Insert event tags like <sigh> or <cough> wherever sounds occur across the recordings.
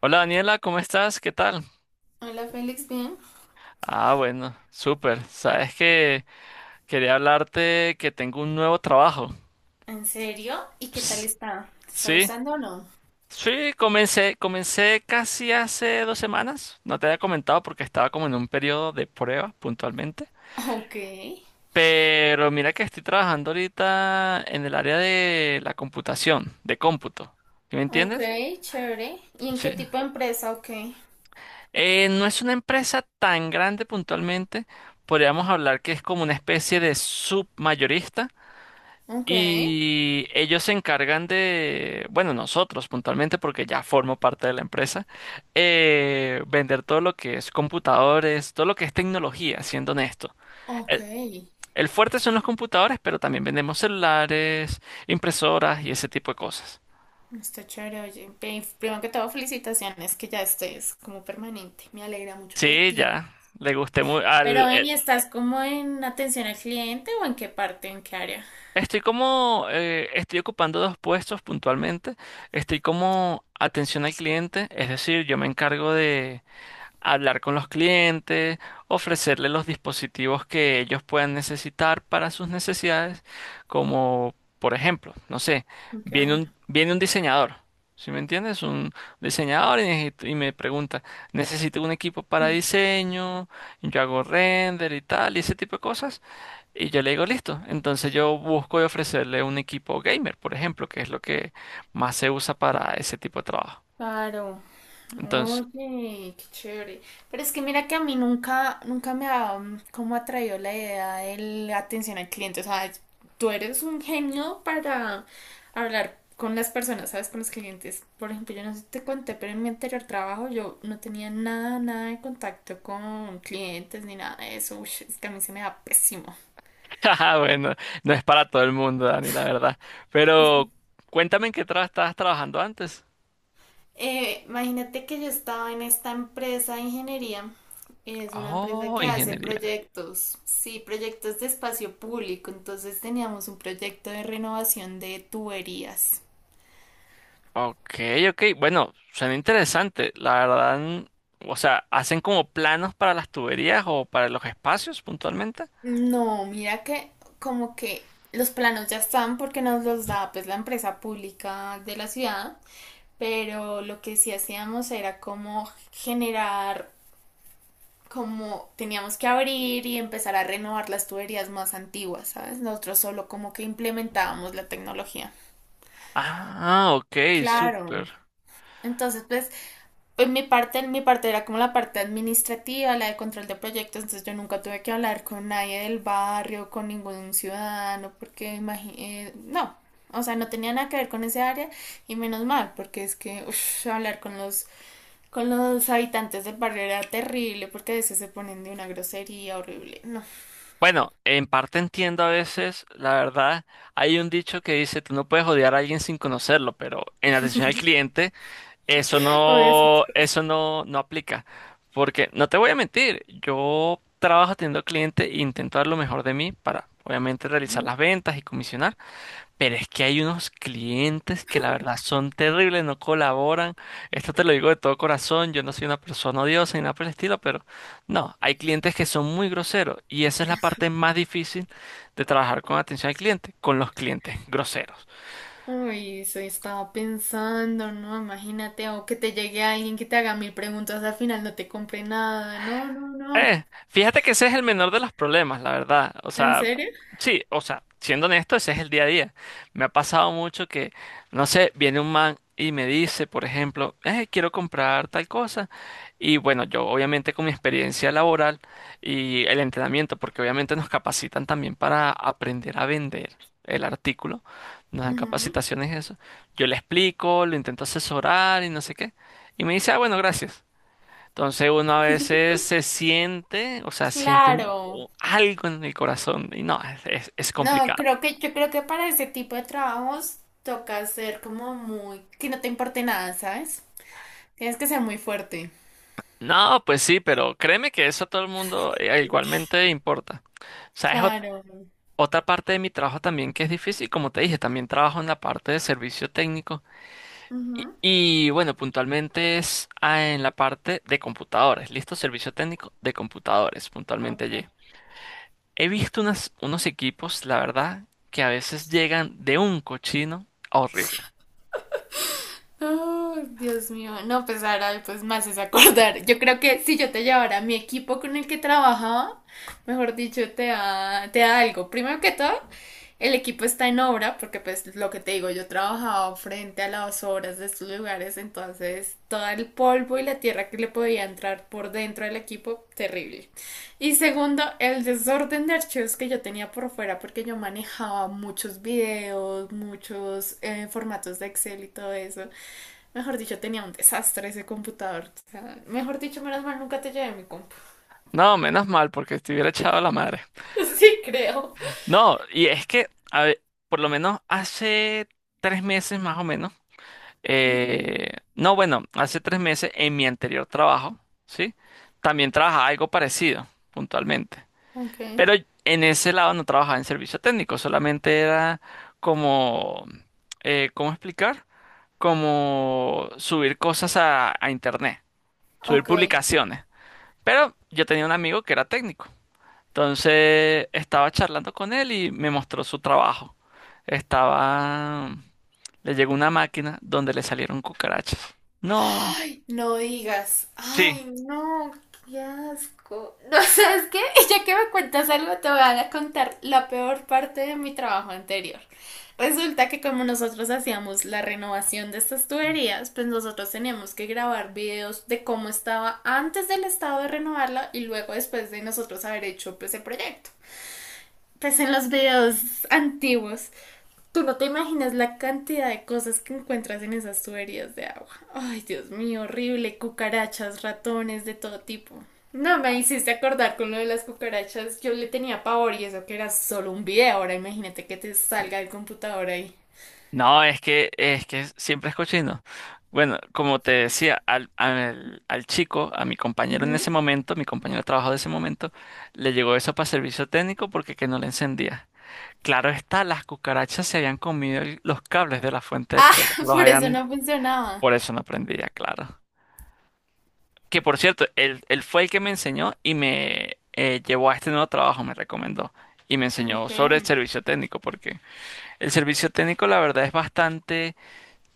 Hola Daniela, ¿cómo estás? ¿Qué tal? Hola Félix, bien. Ah, bueno, súper. Sabes que quería hablarte que tengo un nuevo trabajo. ¿En serio? ¿Y qué tal Ps, está? ¿Te está sí, gustando o no? sí, comencé casi hace 2 semanas. No te había comentado porque estaba como en un periodo de prueba puntualmente. Ok, Pero mira que estoy trabajando ahorita en el área de la computación, de cómputo. ¿Sí me ok, entiendes? chévere. ¿Y en qué Sí. tipo de empresa? Ok, No es una empresa tan grande puntualmente. Podríamos hablar que es como una especie de submayorista. ok, Y ellos se encargan de, bueno, nosotros puntualmente, porque ya formo parte de la empresa, vender todo lo que es computadores, todo lo que es tecnología, siendo honesto. ok. El, el fuerte son los computadores, pero también vendemos celulares, impresoras y ese tipo de cosas. Está chévere, oye. Primero que todo, felicitaciones que ya estés como permanente. Me alegra mucho por Sí, ti. ya, le gusté muy Pero al... ven, ¿y estás como en atención al cliente o en qué parte, en qué área? Estoy como, estoy ocupando dos puestos puntualmente. Estoy como atención al cliente, es decir, yo me encargo de hablar con los clientes, ofrecerles los dispositivos que ellos puedan necesitar para sus necesidades, como por ejemplo, no sé, Ok. Viene un diseñador, ¿sí me entiendes? Un diseñador y, y me pregunta, necesito un equipo para mm, diseño, yo hago render y tal, y ese tipo de cosas, y yo le digo, listo, entonces yo busco y ofrecerle un equipo gamer, por ejemplo, que es lo que más se usa para ese tipo de trabajo. Claro. Oye, qué chévere. Pero es que mira que a mí nunca me ha como atraído la idea de la atención al cliente. O sea, tú eres un genio para hablar con las personas, ¿sabes? Con los clientes. Por ejemplo, yo no sé si te conté, pero en mi anterior trabajo yo no tenía nada de contacto con clientes ni nada de eso. Ush, es que a mí se me da pésimo. <laughs> Ajá, bueno, no es para todo el mundo, Dani, la verdad. Pero cuéntame en qué estabas trabajando antes. Imagínate que yo estaba en esta empresa de ingeniería. Es una empresa Oh, que hace ingeniería. proyectos, sí, proyectos de espacio público. Entonces teníamos un proyecto de renovación de tuberías. Ok, ok. Bueno, suena interesante. La verdad, o sea, ¿hacen como planos para las tuberías o para los espacios puntualmente? No, mira que como que los planos ya están porque nos los da pues la empresa pública de la ciudad, pero lo que sí hacíamos era como generar como teníamos que abrir y empezar a renovar las tuberías más antiguas, ¿sabes? Nosotros solo como que implementábamos la tecnología. Ah, ok, Claro. súper. Entonces, pues, en mi parte era como la parte administrativa, la de control de proyectos, entonces yo nunca tuve que hablar con nadie del barrio, con ningún ciudadano, porque imagínate, no, o sea, no tenía nada que ver con ese área, y menos mal, porque es que uff, hablar con los habitantes del barrio era terrible porque a veces se ponen de una grosería horrible. No. Bueno, en parte entiendo a veces, la verdad, hay un dicho que dice, tú no puedes odiar a alguien sin conocerlo, pero en atención al cliente. O eso. Eso no, no aplica. Porque no te voy a mentir, yo trabajo atendiendo al cliente e intento dar lo mejor de mí para, obviamente, realizar las ventas y comisionar. Pero es que hay unos clientes que la verdad son terribles, no colaboran. Esto te lo digo de todo corazón. Yo no soy una persona odiosa ni nada por el estilo, pero no, hay clientes que son muy groseros. Y esa es la parte más difícil de trabajar con atención al cliente, con los clientes groseros. Uy, eso estaba pensando, ¿no? Imagínate, o que te llegue alguien que te haga mil preguntas, al final no te compre nada. No, no, no. Fíjate que ese es el menor de los problemas, la verdad. O ¿En sea, serio? sí, o sea, siendo honesto, ese es el día a día. Me ha pasado mucho que, no sé, viene un man y me dice, por ejemplo, quiero comprar tal cosa. Y bueno, yo obviamente con mi experiencia laboral y el entrenamiento, porque obviamente nos capacitan también para aprender a vender el artículo, nos dan Ujú. capacitaciones y eso. Yo le explico, lo intento asesorar y no sé qué. Y me dice, ah, bueno, gracias. Entonces uno a veces se siente, o sea, Claro. algo en el corazón y no, es No, complicado. creo que yo creo que para ese tipo de trabajos toca ser como muy, que no te importe nada, ¿sabes? Tienes que ser muy fuerte. No, pues sí, pero créeme que eso a todo el mundo igualmente importa. O sea, Claro. otra parte de mi trabajo también que es difícil, como te dije, también trabajo en la parte de servicio técnico Ujú. y, bueno, puntualmente es en la parte de computadores, listo, servicio técnico de computadores, puntualmente Ok. allí. He visto unos equipos, la verdad, que a veces llegan de un cochino horrible. Oh, Dios mío, no, pues ahora pues más es acordar. Yo creo que si yo te llevara mi equipo con el que trabajaba, mejor dicho, te da algo. Primero que todo, el equipo está en obra, porque pues lo que te digo, yo trabajaba frente a las obras de estos lugares, entonces todo el polvo y la tierra que le podía entrar por dentro del equipo, terrible. Y segundo, el desorden de archivos que yo tenía por fuera, porque yo manejaba muchos videos, muchos formatos de Excel y todo eso. Mejor dicho, tenía un desastre ese computador. O sea, mejor dicho, menos mal nunca te llevé mi compu. No, menos mal, porque estuviera echado la madre. <laughs> Sí, creo. No, y es que, a ver, por lo menos hace 3 meses más o menos, Ujú. No, bueno, hace 3 meses en mi anterior trabajo, ¿sí? También trabajaba algo parecido, puntualmente. Ok. Pero en ese lado no trabajaba en servicio técnico, solamente era como, ¿cómo explicar? Como subir cosas a internet, subir Ok. publicaciones. Pero yo tenía un amigo que era técnico. Entonces estaba charlando con él y me mostró su trabajo. Estaba... Le llegó una máquina donde le salieron cucarachas. No, Ay, no digas. sí. Ay, no, qué asco. No. <laughs> ¿Sabes qué? Ya que me cuentas algo, te voy a contar la peor parte de mi trabajo anterior. Resulta que como nosotros hacíamos la renovación de estas tuberías, pues nosotros teníamos que grabar videos de cómo estaba antes del estado de renovarla y luego después de nosotros haber hecho pues el proyecto. Pues en los videos antiguos, tú no te imaginas la cantidad de cosas que encuentras en esas tuberías de agua. Ay, Dios mío, horrible. Cucarachas, ratones, de todo tipo. No me hiciste acordar con lo de las cucarachas. Yo le tenía pavor y eso que era solo un video. Ahora imagínate que te salga el computador ahí. No, es que siempre es cochino. Bueno, como te decía, al chico, a mi compañero en Ujú. ese momento, mi compañero de trabajo de ese momento, le llegó eso para servicio técnico porque que no le encendía. Claro está, las cucarachas se habían comido los cables de la fuente de Ah, poder. <laughs> Los por eso no habían... funcionaba. Por eso no prendía, claro. Que por cierto, él fue el que me enseñó y me llevó a este nuevo trabajo, me recomendó. Y me enseñó Ok. sobre el servicio técnico, porque el servicio técnico la verdad es bastante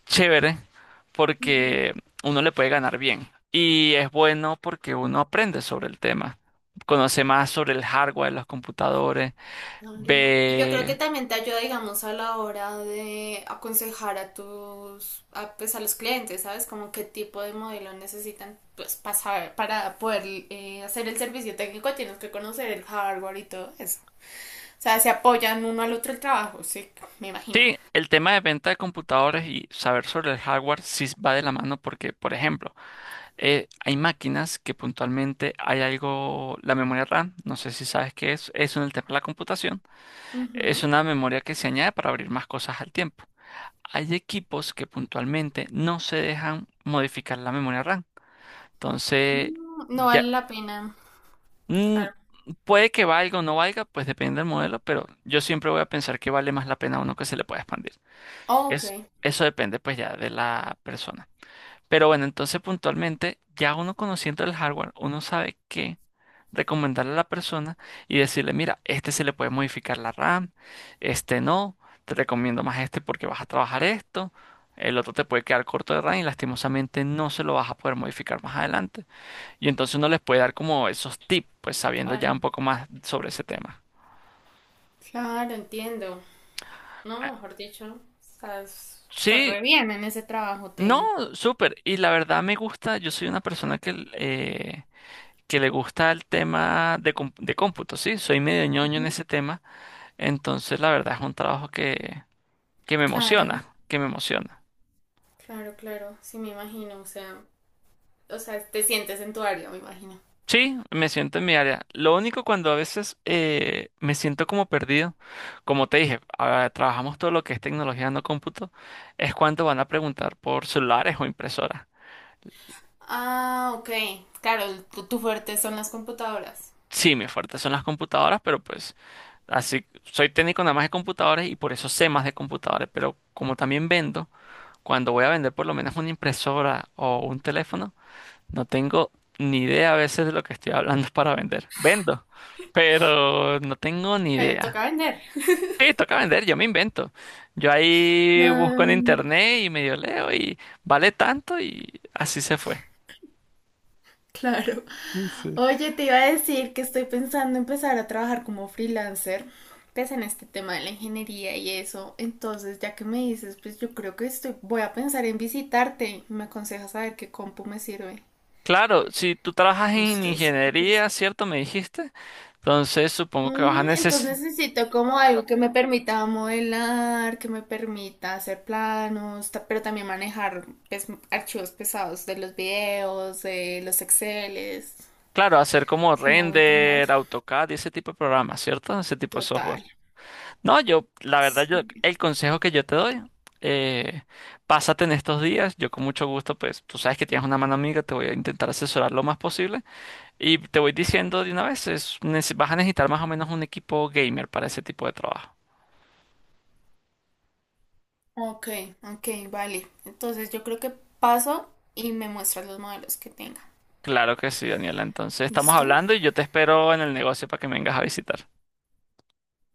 chévere, porque uno le puede ganar bien. Y es bueno porque uno aprende sobre el tema, conoce más sobre el hardware de los computadores, Claro. Y yo creo que ve. también te ayuda, digamos, a la hora de aconsejar a tus, a, pues a los clientes, ¿sabes? Como qué tipo de modelo necesitan, pues para para poder hacer el servicio técnico tienes que conocer el hardware y todo eso. O sea, se apoyan uno al otro el trabajo, sí, me imagino. Sí, el tema de venta de computadores y saber sobre el hardware sí va de la mano porque, por ejemplo, hay máquinas que puntualmente hay algo, la memoria RAM, no sé si sabes qué es en el tema de la computación, Ujú. es una memoria que se añade para abrir más cosas al tiempo. Hay equipos que puntualmente no se dejan modificar la memoria RAM. Entonces, Mm, no ya, vale la pena, mm, claro. puede que valga o no valga, pues depende del modelo, pero yo siempre voy a pensar que vale más la pena uno que se le pueda expandir. Ok, Es, eso depende pues ya de la persona. Pero bueno, entonces puntualmente, ya uno conociendo el hardware, uno sabe qué recomendarle a la persona y decirle, mira, este se le puede modificar la RAM, este no, te recomiendo más este porque vas a trabajar esto, el otro te puede quedar corto de RAM y lastimosamente no se lo vas a poder modificar más adelante. Y entonces uno les puede dar como esos tips, pues sabiendo ya un claro, poco más sobre ese tema. claro, entiendo. No, Ah, mejor dicho, estás sí, re bien en ese trabajo, no, ten. súper. Y la verdad me gusta, yo soy una persona que le gusta el tema de, de cómputo, ¿sí? Soy medio ñoño en ese tema, entonces la verdad es un trabajo que me Claro. emociona, que me emociona. Claro, claro, sí me imagino, o sea, te sientes en tu área, me imagino. Sí, me siento en mi área. Lo único cuando a veces me siento como perdido, como te dije, ah, trabajamos todo lo que es tecnología no cómputo, es cuando van a preguntar por celulares o impresoras. Ah, ok, claro, tu, tu fuerte son las computadoras, Sí, mi fuerte son las computadoras, pero pues así soy técnico nada más de computadores y por eso sé más de computadores, pero como también vendo, cuando voy a vender por lo menos una impresora o un teléfono, no tengo ni idea a veces de lo que estoy hablando <laughs> para vender. Vendo, pero no tengo ni pero idea. toca vender. Sí, toca vender, yo me invento. Yo ahí busco en Mm, internet y medio leo y vale tanto y así se fue. claro. Oye, te iba a decir que estoy pensando empezar a trabajar como freelancer. Pues en este tema de la ingeniería y eso, entonces ya que me dices, pues yo creo que estoy, voy a pensar en visitarte. ¿Me aconsejas saber qué compu me sirve? Claro, si tú trabajas No en sé si te parece. ingeniería, ¿cierto? Me dijiste. Entonces supongo que vas Ujú, a necesitar, entonces necesito como algo que me permita modelar, que me permita hacer planos, pero también manejar pues, archivos pesados de los videos, de los Exceles, claro, hacer como si me hago entender. render, AutoCAD y ese tipo de programas, ¿cierto? Ese tipo de software. Total. No, yo, la verdad, yo, Sí. el consejo que yo te doy, eh, pásate en estos días, yo con mucho gusto, pues, tú sabes que tienes una mano amiga, te voy a intentar asesorar lo más posible y te voy diciendo de una vez, vas a necesitar más o menos un equipo gamer para ese tipo de trabajo. Ok, ok, vale. Entonces yo creo que paso y me muestras los modelos que tenga. Claro que sí, Daniela, entonces estamos ¿Listo? hablando y yo te espero en el negocio para que me vengas a visitar.